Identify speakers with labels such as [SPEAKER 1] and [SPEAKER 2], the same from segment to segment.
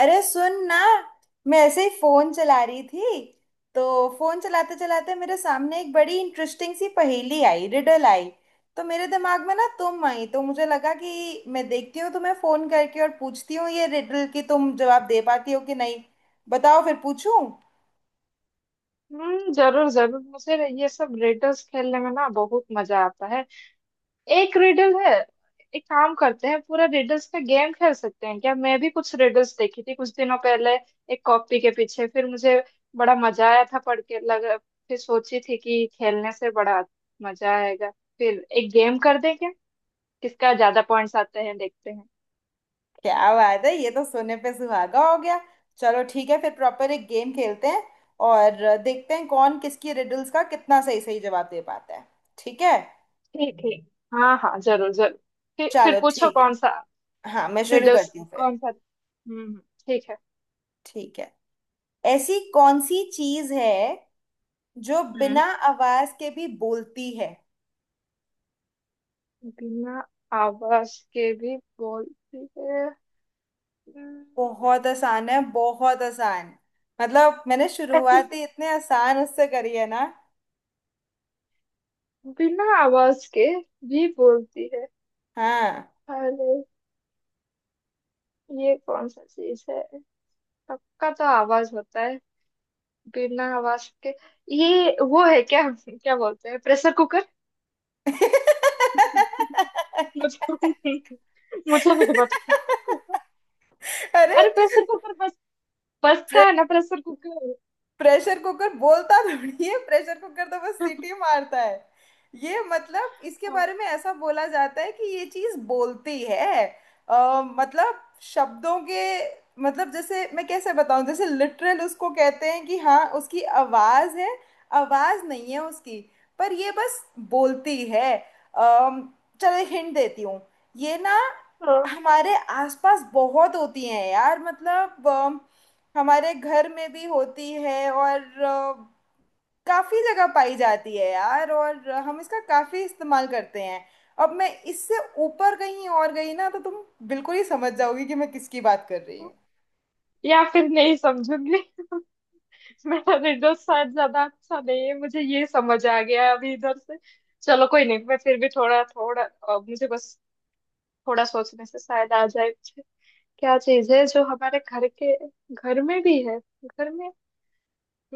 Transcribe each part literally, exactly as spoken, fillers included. [SPEAKER 1] अरे सुन ना। मैं ऐसे ही फोन चला रही थी। तो फोन चलाते चलाते मेरे सामने एक बड़ी इंटरेस्टिंग सी पहेली आई, रिडल आई। तो मेरे दिमाग में ना तुम आई, तो मुझे लगा कि मैं देखती हूँ तुम्हें फोन करके और पूछती हूँ ये रिडल की तुम जवाब दे पाती हो कि नहीं। बताओ फिर पूछूं?
[SPEAKER 2] हम्म, जरूर जरूर। मुझे ये सब रिडल्स खेलने में ना बहुत मजा आता है। एक रिडल है। एक काम करते हैं, पूरा रिडल्स का गेम खेल सकते हैं क्या? मैं भी कुछ रिडल्स देखी थी कुछ दिनों पहले, एक कॉपी के पीछे। फिर मुझे बड़ा मजा आया था पढ़ के लग। फिर सोची थी कि खेलने से बड़ा मजा आएगा। फिर एक गेम कर दें क्या? किसका ज्यादा पॉइंट्स आते हैं देखते हैं।
[SPEAKER 1] क्या बात है, ये तो सोने पे सुहागा हो गया। चलो ठीक है, फिर प्रॉपर एक गेम खेलते हैं। और देखते हैं कौन किसकी रिडल्स का कितना सही सही जवाब दे पाता है। ठीक है।
[SPEAKER 2] ठीक ठीक। हाँ हाँ, जरूर जरूर। फिर फिर
[SPEAKER 1] चलो
[SPEAKER 2] पूछो
[SPEAKER 1] ठीक है।
[SPEAKER 2] कौन सा।
[SPEAKER 1] हाँ, मैं शुरू
[SPEAKER 2] रिडल्स
[SPEAKER 1] करती हूँ फिर।
[SPEAKER 2] कौन सा? हम्म हम्म, ठीक है।
[SPEAKER 1] ठीक है। ऐसी कौन सी चीज है जो बिना
[SPEAKER 2] हम्म।
[SPEAKER 1] आवाज के भी बोलती है?
[SPEAKER 2] बिना आवाज के भी बोलती है। हम्म।
[SPEAKER 1] बहुत आसान है, बहुत आसान। मतलब मैंने
[SPEAKER 2] ऐसे
[SPEAKER 1] शुरुआत ही इतने आसान उससे करी है ना।
[SPEAKER 2] बिना आवाज के भी बोलती है।
[SPEAKER 1] हाँ।
[SPEAKER 2] अरे, ये कौन सा चीज है? सबका तो आवाज होता है। बिना आवाज के ये वो है, क्या क्या बोलते हैं, प्रेशर कुकर? मुझे मुझे नहीं पता।
[SPEAKER 1] अरे,
[SPEAKER 2] अरे प्रेशर कुकर! बस बजता है ना प्रेशर कुकर।
[SPEAKER 1] प्रेशर कुकर बोलता थोड़ी है, प्रेशर कुकर तो बस सीटी मारता है। ये मतलब इसके
[SPEAKER 2] हाँ,
[SPEAKER 1] बारे में ऐसा बोला जाता है कि ये चीज बोलती है। अ, मतलब शब्दों के मतलब, जैसे मैं कैसे बताऊं, जैसे लिटरल उसको कहते हैं कि हाँ उसकी आवाज है। आवाज नहीं है उसकी, पर ये बस बोलती है। अम, चलो हिंट देती हूँ। ये ना
[SPEAKER 2] हाँ।
[SPEAKER 1] हमारे आसपास बहुत होती हैं यार। मतलब हमारे घर में भी होती है और अ, काफी जगह पाई जाती है यार, और हम इसका काफी इस्तेमाल करते हैं। अब मैं इससे ऊपर कहीं और गई ना तो तुम बिल्कुल ही समझ जाओगी कि मैं किसकी बात कर रही हूँ।
[SPEAKER 2] या फिर नहीं समझूंगी। मेरा विंडोज शायद ज्यादा अच्छा नहीं है, मुझे ये समझ आ गया है अभी इधर से। चलो कोई नहीं, मैं फिर भी थोड़ा थोड़ा अ, मुझे बस थोड़ा सोचने से शायद आ जाए मुझे। क्या चीज है जो हमारे घर के घर में भी है? घर में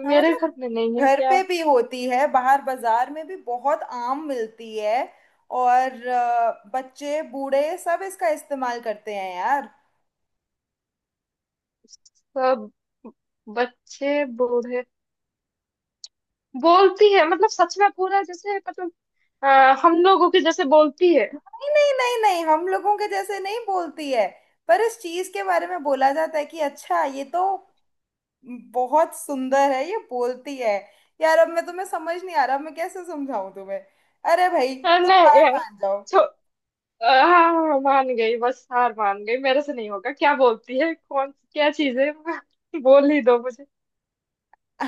[SPEAKER 1] हाँ
[SPEAKER 2] मेरे
[SPEAKER 1] मतलब
[SPEAKER 2] घर में नहीं है
[SPEAKER 1] घर
[SPEAKER 2] क्या?
[SPEAKER 1] पे भी होती है, बाहर बाजार में भी बहुत आम मिलती है। और अ, बच्चे बूढ़े सब इसका इस्तेमाल करते हैं यार।
[SPEAKER 2] सब बच्चे बूढ़े बोलती है मतलब सच में पूरा? जैसे मतलब अ, हम लोगों की जैसे बोलती है?
[SPEAKER 1] नहीं नहीं नहीं नहीं हम लोगों के जैसे नहीं बोलती है। पर इस चीज के बारे में बोला जाता है कि अच्छा, ये तो बहुत सुंदर है, ये बोलती है। यार, अब मैं तुम्हें समझ नहीं आ रहा मैं कैसे समझाऊं तुम्हें। अरे भाई,
[SPEAKER 2] अ,
[SPEAKER 1] तुम
[SPEAKER 2] नहीं
[SPEAKER 1] हार मान जाओ।
[SPEAKER 2] यार। आह, मान गई, बस हार मान गई, मेरे से नहीं होगा। क्या बोलती है, कौन, क्या चीज है? बोल ही दो मुझे।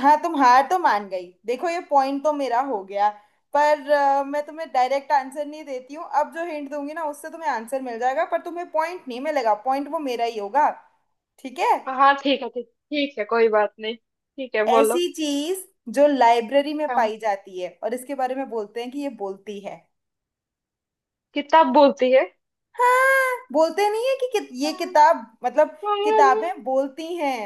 [SPEAKER 1] हाँ, तुम हार तो मान गई, देखो ये पॉइंट तो मेरा हो गया। पर अ, मैं तुम्हें डायरेक्ट आंसर नहीं देती हूँ। अब जो हिंट दूंगी ना उससे तुम्हें आंसर मिल जाएगा, पर तुम्हें पॉइंट नहीं मिलेगा, पॉइंट वो मेरा ही होगा। ठीक है?
[SPEAKER 2] हाँ ठीक है, ठीक ठीक है, कोई बात नहीं, ठीक है,
[SPEAKER 1] ऐसी
[SPEAKER 2] बोलो।
[SPEAKER 1] चीज जो लाइब्रेरी में
[SPEAKER 2] हाँ,
[SPEAKER 1] पाई जाती है और इसके बारे में बोलते हैं कि ये बोलती है।
[SPEAKER 2] किताब बोलती है।
[SPEAKER 1] हाँ, बोलते नहीं है कि, कि ये किताब मतलब
[SPEAKER 2] अरे,
[SPEAKER 1] किताबें बोलती हैं।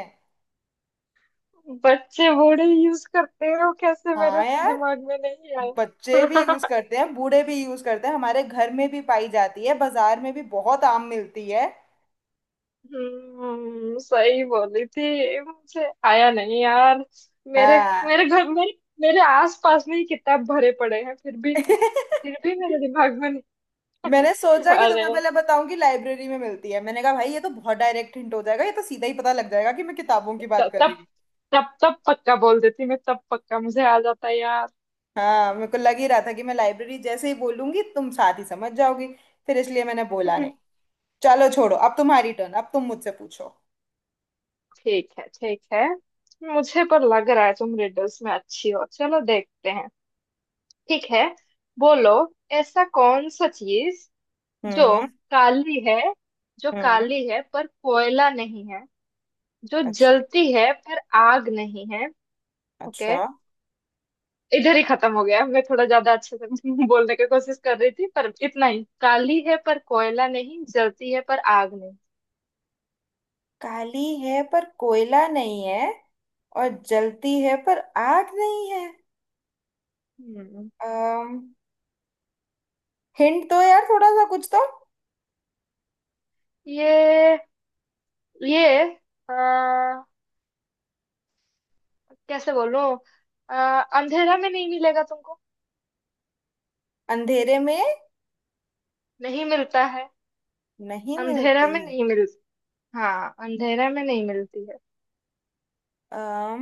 [SPEAKER 2] बच्चे बूढ़े यूज करते हो, कैसे मेरे
[SPEAKER 1] हाँ यार,
[SPEAKER 2] दिमाग में नहीं
[SPEAKER 1] बच्चे भी यूज
[SPEAKER 2] आया।
[SPEAKER 1] करते हैं, बूढ़े भी यूज करते हैं, हमारे घर में भी पाई जाती है, बाजार में भी बहुत आम मिलती है।
[SPEAKER 2] हम्म, सही बोली थी, मुझे आया नहीं यार। मेरे
[SPEAKER 1] हाँ।
[SPEAKER 2] मेरे घर, मेरे मेरे आस पास में ही किताब भरे पड़े हैं, फिर भी। फिर भी मेरे दिमाग में।
[SPEAKER 1] मैंने सोचा कि
[SPEAKER 2] अरे,
[SPEAKER 1] तुम्हें पहले बताऊं कि लाइब्रेरी में मिलती है, मैंने कहा भाई ये तो बहुत डायरेक्ट हिंट हो जाएगा, ये तो सीधा ही पता लग जाएगा कि मैं किताबों की बात
[SPEAKER 2] तब
[SPEAKER 1] कर रही
[SPEAKER 2] तब
[SPEAKER 1] हूँ।
[SPEAKER 2] तब तब पक्का बोल देती मैं, तब पक्का मुझे आ जाता यार।
[SPEAKER 1] हाँ मेरे को लग ही रहा था कि मैं लाइब्रेरी जैसे ही बोलूंगी तुम साथ ही समझ जाओगी, फिर इसलिए मैंने बोला नहीं। चलो छोड़ो, अब तुम्हारी टर्न, अब तुम मुझसे पूछो।
[SPEAKER 2] ठीक है ठीक है, मुझे पर लग रहा है तुम रिडल्स में अच्छी हो, चलो देखते हैं। ठीक है, बोलो। ऐसा कौन सा चीज जो
[SPEAKER 1] हम्म,
[SPEAKER 2] काली है जो
[SPEAKER 1] हम्म।
[SPEAKER 2] काली है पर कोयला नहीं है, जो
[SPEAKER 1] अच्छा,
[SPEAKER 2] जलती है पर आग नहीं है? ओके,
[SPEAKER 1] अच्छा।
[SPEAKER 2] इधर ही खत्म हो गया। मैं थोड़ा ज्यादा अच्छे से बोलने की कोशिश कर रही थी पर इतना ही। काली है पर कोयला नहीं, जलती है पर आग नहीं।
[SPEAKER 1] काली है पर कोयला नहीं है, और जलती है पर आग नहीं है।
[SPEAKER 2] हम्म।
[SPEAKER 1] अम, हिंट दो यार थोड़ा सा कुछ तो।
[SPEAKER 2] ये ये आ, कैसे बोलूं? आ, अंधेरा में नहीं मिलेगा तुमको।
[SPEAKER 1] अंधेरे में
[SPEAKER 2] नहीं मिलता है।
[SPEAKER 1] नहीं
[SPEAKER 2] अंधेरा
[SPEAKER 1] मिलती
[SPEAKER 2] में
[SPEAKER 1] है?
[SPEAKER 2] नहीं मिलता। हाँ, अंधेरा में नहीं मिलती है।
[SPEAKER 1] अम,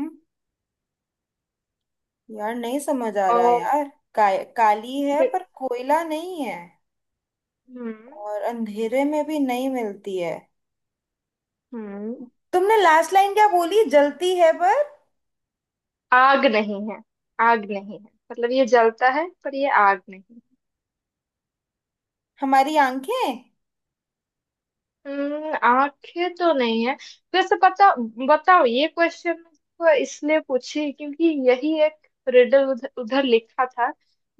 [SPEAKER 1] यार नहीं समझ आ रहा
[SPEAKER 2] और
[SPEAKER 1] यार। काय काली है
[SPEAKER 2] दे-
[SPEAKER 1] पर कोयला नहीं है,
[SPEAKER 2] हम्म।
[SPEAKER 1] और अंधेरे में भी नहीं मिलती है।
[SPEAKER 2] हम्म।
[SPEAKER 1] तुमने लास्ट लाइन क्या बोली, जलती है पर?
[SPEAKER 2] आग नहीं है। आग नहीं है मतलब ये जलता है पर ये आग नहीं।
[SPEAKER 1] हमारी आंखें?
[SPEAKER 2] हम्म, आंखें तो नहीं है। वैसे पता बताओ, ये क्वेश्चन को इसलिए पूछी क्योंकि यही एक रिडल उधर, उधर लिखा था,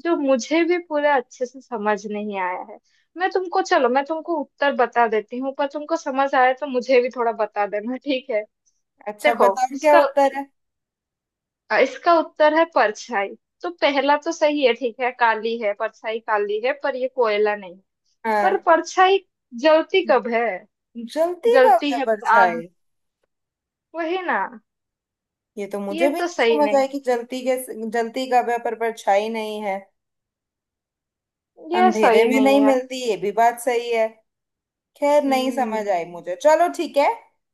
[SPEAKER 2] जो मुझे भी पूरा अच्छे से समझ नहीं आया है। मैं तुमको चलो मैं तुमको उत्तर बता देती हूँ, पर तुमको समझ आया तो मुझे भी थोड़ा बता देना ठीक है।
[SPEAKER 1] अच्छा
[SPEAKER 2] देखो,
[SPEAKER 1] बताओ क्या
[SPEAKER 2] उसका
[SPEAKER 1] उत्तर है।
[SPEAKER 2] इसका उत्तर है परछाई। तो पहला तो सही है, ठीक है, काली है परछाई, काली है पर ये कोयला नहीं। पर
[SPEAKER 1] हाँ,
[SPEAKER 2] परछाई जलती कब है?
[SPEAKER 1] जलती का
[SPEAKER 2] जलती
[SPEAKER 1] वह
[SPEAKER 2] है पर आग,
[SPEAKER 1] परछाई।
[SPEAKER 2] वही ना।
[SPEAKER 1] ये तो मुझे
[SPEAKER 2] ये
[SPEAKER 1] भी
[SPEAKER 2] तो
[SPEAKER 1] नहीं
[SPEAKER 2] सही
[SPEAKER 1] समझ
[SPEAKER 2] नहीं।
[SPEAKER 1] आई कि जलती के जलती का वह पर परछाई नहीं है।
[SPEAKER 2] ये
[SPEAKER 1] अंधेरे
[SPEAKER 2] सही
[SPEAKER 1] में नहीं
[SPEAKER 2] नहीं है।
[SPEAKER 1] मिलती ये भी बात सही है। खैर, नहीं समझ आई
[SPEAKER 2] हम्म।
[SPEAKER 1] मुझे, चलो ठीक है।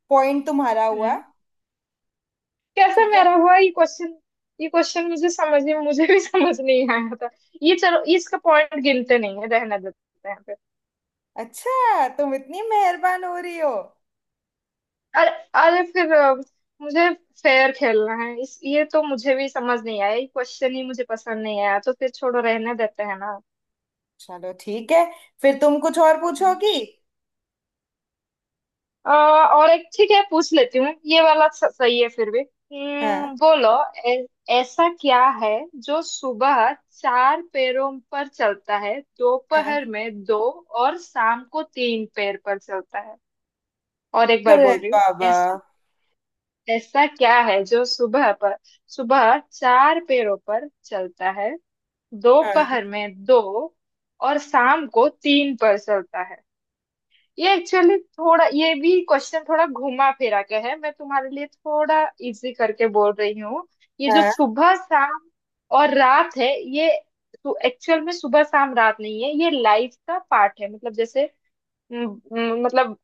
[SPEAKER 1] पॉइंट तुम्हारा हुआ।
[SPEAKER 2] हम्म, कैसे
[SPEAKER 1] ठीक है।
[SPEAKER 2] मेरा हुआ ये क्वेश्चन? ये क्वेश्चन मुझे समझ नहीं, मुझे भी समझ नहीं आया था। ये चलो, इसका पॉइंट गिनते नहीं है, रहने देते हैं फिर।
[SPEAKER 1] अच्छा, तुम इतनी मेहरबान हो रही हो।
[SPEAKER 2] अरे अरे, फिर अ, मुझे फेयर खेलना है इस ये तो मुझे भी समझ नहीं आया, ये क्वेश्चन ही मुझे पसंद नहीं आया तो फिर छोड़ो, रहने देते हैं।
[SPEAKER 1] चलो ठीक है, फिर तुम कुछ और पूछोगी।
[SPEAKER 2] ना। अ, और एक ठीक है पूछ लेती हूँ। ये वाला स- सही है फिर भी।
[SPEAKER 1] हाँ।
[SPEAKER 2] हम्म, बोलो। ऐ- ऐसा क्या है जो सुबह चार पैरों पर चलता है,
[SPEAKER 1] हाँ।
[SPEAKER 2] दोपहर में दो और शाम को तीन पैर पर चलता है? और एक बार
[SPEAKER 1] अरे
[SPEAKER 2] बोल रही हूँ।
[SPEAKER 1] बाबा।
[SPEAKER 2] ऐसा ऐसा क्या है जो सुबह पर सुबह चार पैरों पर चलता है,
[SPEAKER 1] हाँ।
[SPEAKER 2] दोपहर में दो और शाम को तीन पर चलता है? ये एक्चुअली थोड़ा, ये भी क्वेश्चन थोड़ा घुमा फिरा के है, मैं तुम्हारे लिए थोड़ा इजी करके बोल रही हूँ। ये जो
[SPEAKER 1] हाँ
[SPEAKER 2] सुबह शाम और रात है, ये तो एक्चुअल में सुबह शाम रात नहीं है, ये लाइफ का पार्ट है मतलब जैसे। म, म, मतलब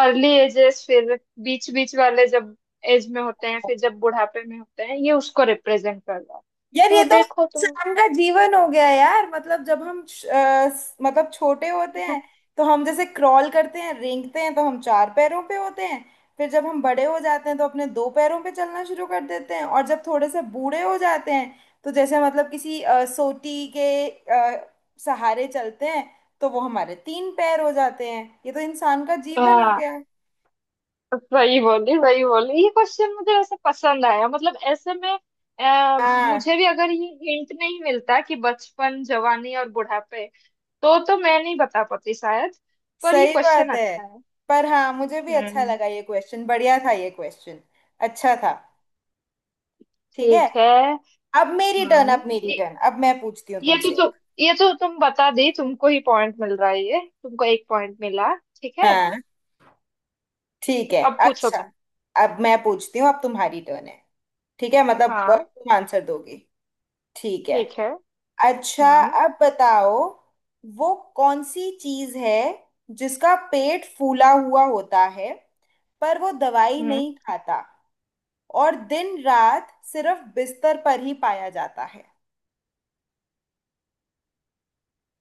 [SPEAKER 2] अर्ली एजेस, फिर बीच बीच वाले जब एज में होते हैं, फिर जब बुढ़ापे में होते हैं, ये उसको रिप्रेजेंट कर रहा है।
[SPEAKER 1] यार,
[SPEAKER 2] तो
[SPEAKER 1] ये तो
[SPEAKER 2] देखो तुम।
[SPEAKER 1] इंसान का जीवन हो गया यार। मतलब जब हम श- अ, स- मतलब छोटे होते हैं तो हम जैसे क्रॉल करते हैं, रेंगते हैं, तो हम चार पैरों पे होते हैं। फिर जब हम बड़े हो जाते हैं तो अपने दो पैरों पे चलना शुरू कर देते हैं, और जब थोड़े से बूढ़े हो जाते हैं तो जैसे मतलब किसी अ, सोटी के अ, सहारे चलते हैं, तो वो हमारे तीन पैर हो जाते हैं। ये तो इंसान का जीवन हो
[SPEAKER 2] हाँ,
[SPEAKER 1] गया।
[SPEAKER 2] वही बोली, वही बोली। ये क्वेश्चन मुझे वैसे पसंद आया, मतलब ऐसे में। आ,
[SPEAKER 1] हाँ,
[SPEAKER 2] मुझे भी अगर ये हिंट नहीं मिलता कि बचपन जवानी और बुढ़ापे, तो तो मैं नहीं बता पाती शायद। पर ये
[SPEAKER 1] सही
[SPEAKER 2] क्वेश्चन
[SPEAKER 1] बात है।
[SPEAKER 2] अच्छा है।
[SPEAKER 1] पर हाँ, मुझे भी अच्छा
[SPEAKER 2] हम्म,
[SPEAKER 1] लगा, ये क्वेश्चन बढ़िया था, ये क्वेश्चन अच्छा था। ठीक है।
[SPEAKER 2] ठीक है।
[SPEAKER 1] अब मेरी टर्न अब
[SPEAKER 2] हम्म।
[SPEAKER 1] मेरी
[SPEAKER 2] ये,
[SPEAKER 1] टर्न अब मैं पूछती हूँ
[SPEAKER 2] ये तो
[SPEAKER 1] तुमसे।
[SPEAKER 2] तु, ये तो तुम बता दी, तुमको ही पॉइंट मिल रहा है, ये तुमको एक पॉइंट मिला, ठीक है।
[SPEAKER 1] हाँ, ठीक
[SPEAKER 2] ठीक,
[SPEAKER 1] है।
[SPEAKER 2] अब पूछो
[SPEAKER 1] अच्छा,
[SPEAKER 2] तुम।
[SPEAKER 1] अब मैं पूछती हूँ, अब तुम्हारी टर्न है। ठीक है, मतलब अ,
[SPEAKER 2] हाँ
[SPEAKER 1] तुम आंसर दोगी। ठीक है।
[SPEAKER 2] ठीक है।
[SPEAKER 1] अच्छा,
[SPEAKER 2] हम्म।
[SPEAKER 1] अब बताओ, वो कौन सी चीज है जिसका पेट फूला हुआ होता है पर वो दवाई
[SPEAKER 2] हम्म,
[SPEAKER 1] नहीं खाता, और दिन रात सिर्फ बिस्तर पर ही पाया जाता है।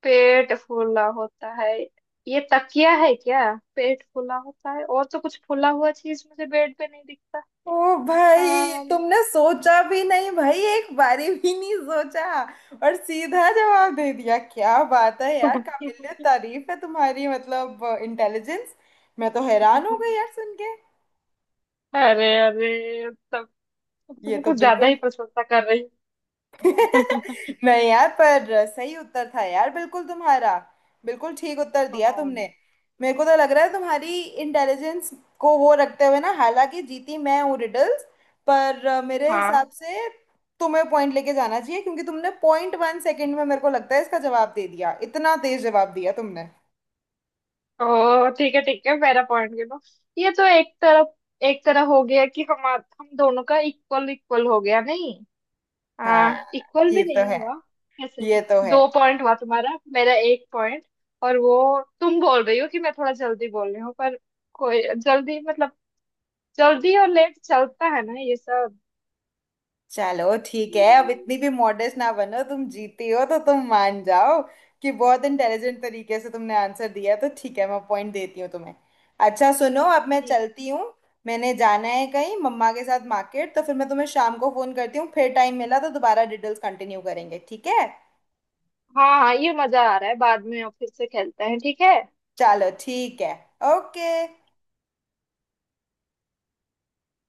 [SPEAKER 2] पेट फूला होता है? ये तकिया है क्या? पेट फूला होता है और तो कुछ फूला हुआ चीज मुझे बेड पे नहीं दिखता।
[SPEAKER 1] ओ भाई,
[SPEAKER 2] अम,
[SPEAKER 1] तुमने सोचा भी नहीं भाई, एक बारी भी नहीं सोचा और सीधा जवाब दे दिया। क्या बात है यार, काबिलियत तारीफ है तुम्हारी, मतलब इंटेलिजेंस। मैं तो हैरान हो गई यार सुन के।
[SPEAKER 2] अरे अरे तब,
[SPEAKER 1] ये
[SPEAKER 2] तुम
[SPEAKER 1] तो
[SPEAKER 2] कुछ ज्यादा
[SPEAKER 1] बिल्कुल।
[SPEAKER 2] ही प्रशंसा कर रही हो।
[SPEAKER 1] नहीं यार, पर सही उत्तर था यार बिल्कुल तुम्हारा, बिल्कुल ठीक उत्तर दिया
[SPEAKER 2] कौन?
[SPEAKER 1] तुमने। मेरे को तो लग रहा है तुम्हारी इंटेलिजेंस को वो रखते हुए ना, हालांकि जीती मैं हूँ रिडल्स, पर अ, मेरे
[SPEAKER 2] हाँ।
[SPEAKER 1] हिसाब से तुम्हें पॉइंट लेके जाना चाहिए, क्योंकि तुमने पॉइंट वन सेकेंड में मेरे को लगता है इसका जवाब दे दिया, इतना तेज जवाब दिया तुमने।
[SPEAKER 2] ओ ठीक है ठीक है, मेरा पॉइंट गिनो। ये तो एक तरफ एक तरह हो गया कि हम हम दोनों का इक्वल इक्वल हो गया नहीं।
[SPEAKER 1] हाँ,
[SPEAKER 2] हाँ, इक्वल
[SPEAKER 1] ये
[SPEAKER 2] भी
[SPEAKER 1] तो
[SPEAKER 2] नहीं
[SPEAKER 1] है,
[SPEAKER 2] हुआ। कैसे?
[SPEAKER 1] ये तो है।
[SPEAKER 2] दो पॉइंट हुआ तुम्हारा, मेरा एक पॉइंट। और वो, तुम बोल रही हो कि मैं थोड़ा जल्दी बोल रही हूँ पर कोई जल्दी मतलब, जल्दी और लेट चलता है ना ये सब।
[SPEAKER 1] चलो ठीक है, अब
[SPEAKER 2] हम्म,
[SPEAKER 1] इतनी भी मॉडर्न ना बनो, तुम जीती हो तो तुम मान जाओ कि बहुत इंटेलिजेंट तरीके से तुमने आंसर दिया, तो ठीक है मैं पॉइंट देती हूँ तुम्हें। अच्छा सुनो, अब मैं
[SPEAKER 2] ठीक।
[SPEAKER 1] चलती हूँ, मैंने जाना है कहीं मम्मा के साथ मार्केट, तो फिर मैं तुम्हें शाम को फोन करती हूँ, फिर टाइम मिला तो दोबारा डिटेल्स कंटिन्यू करेंगे, ठीक है।
[SPEAKER 2] हाँ हाँ, ये मजा आ रहा है, बाद में और फिर से खेलते हैं ठीक है।
[SPEAKER 1] चलो ठीक है। ओके।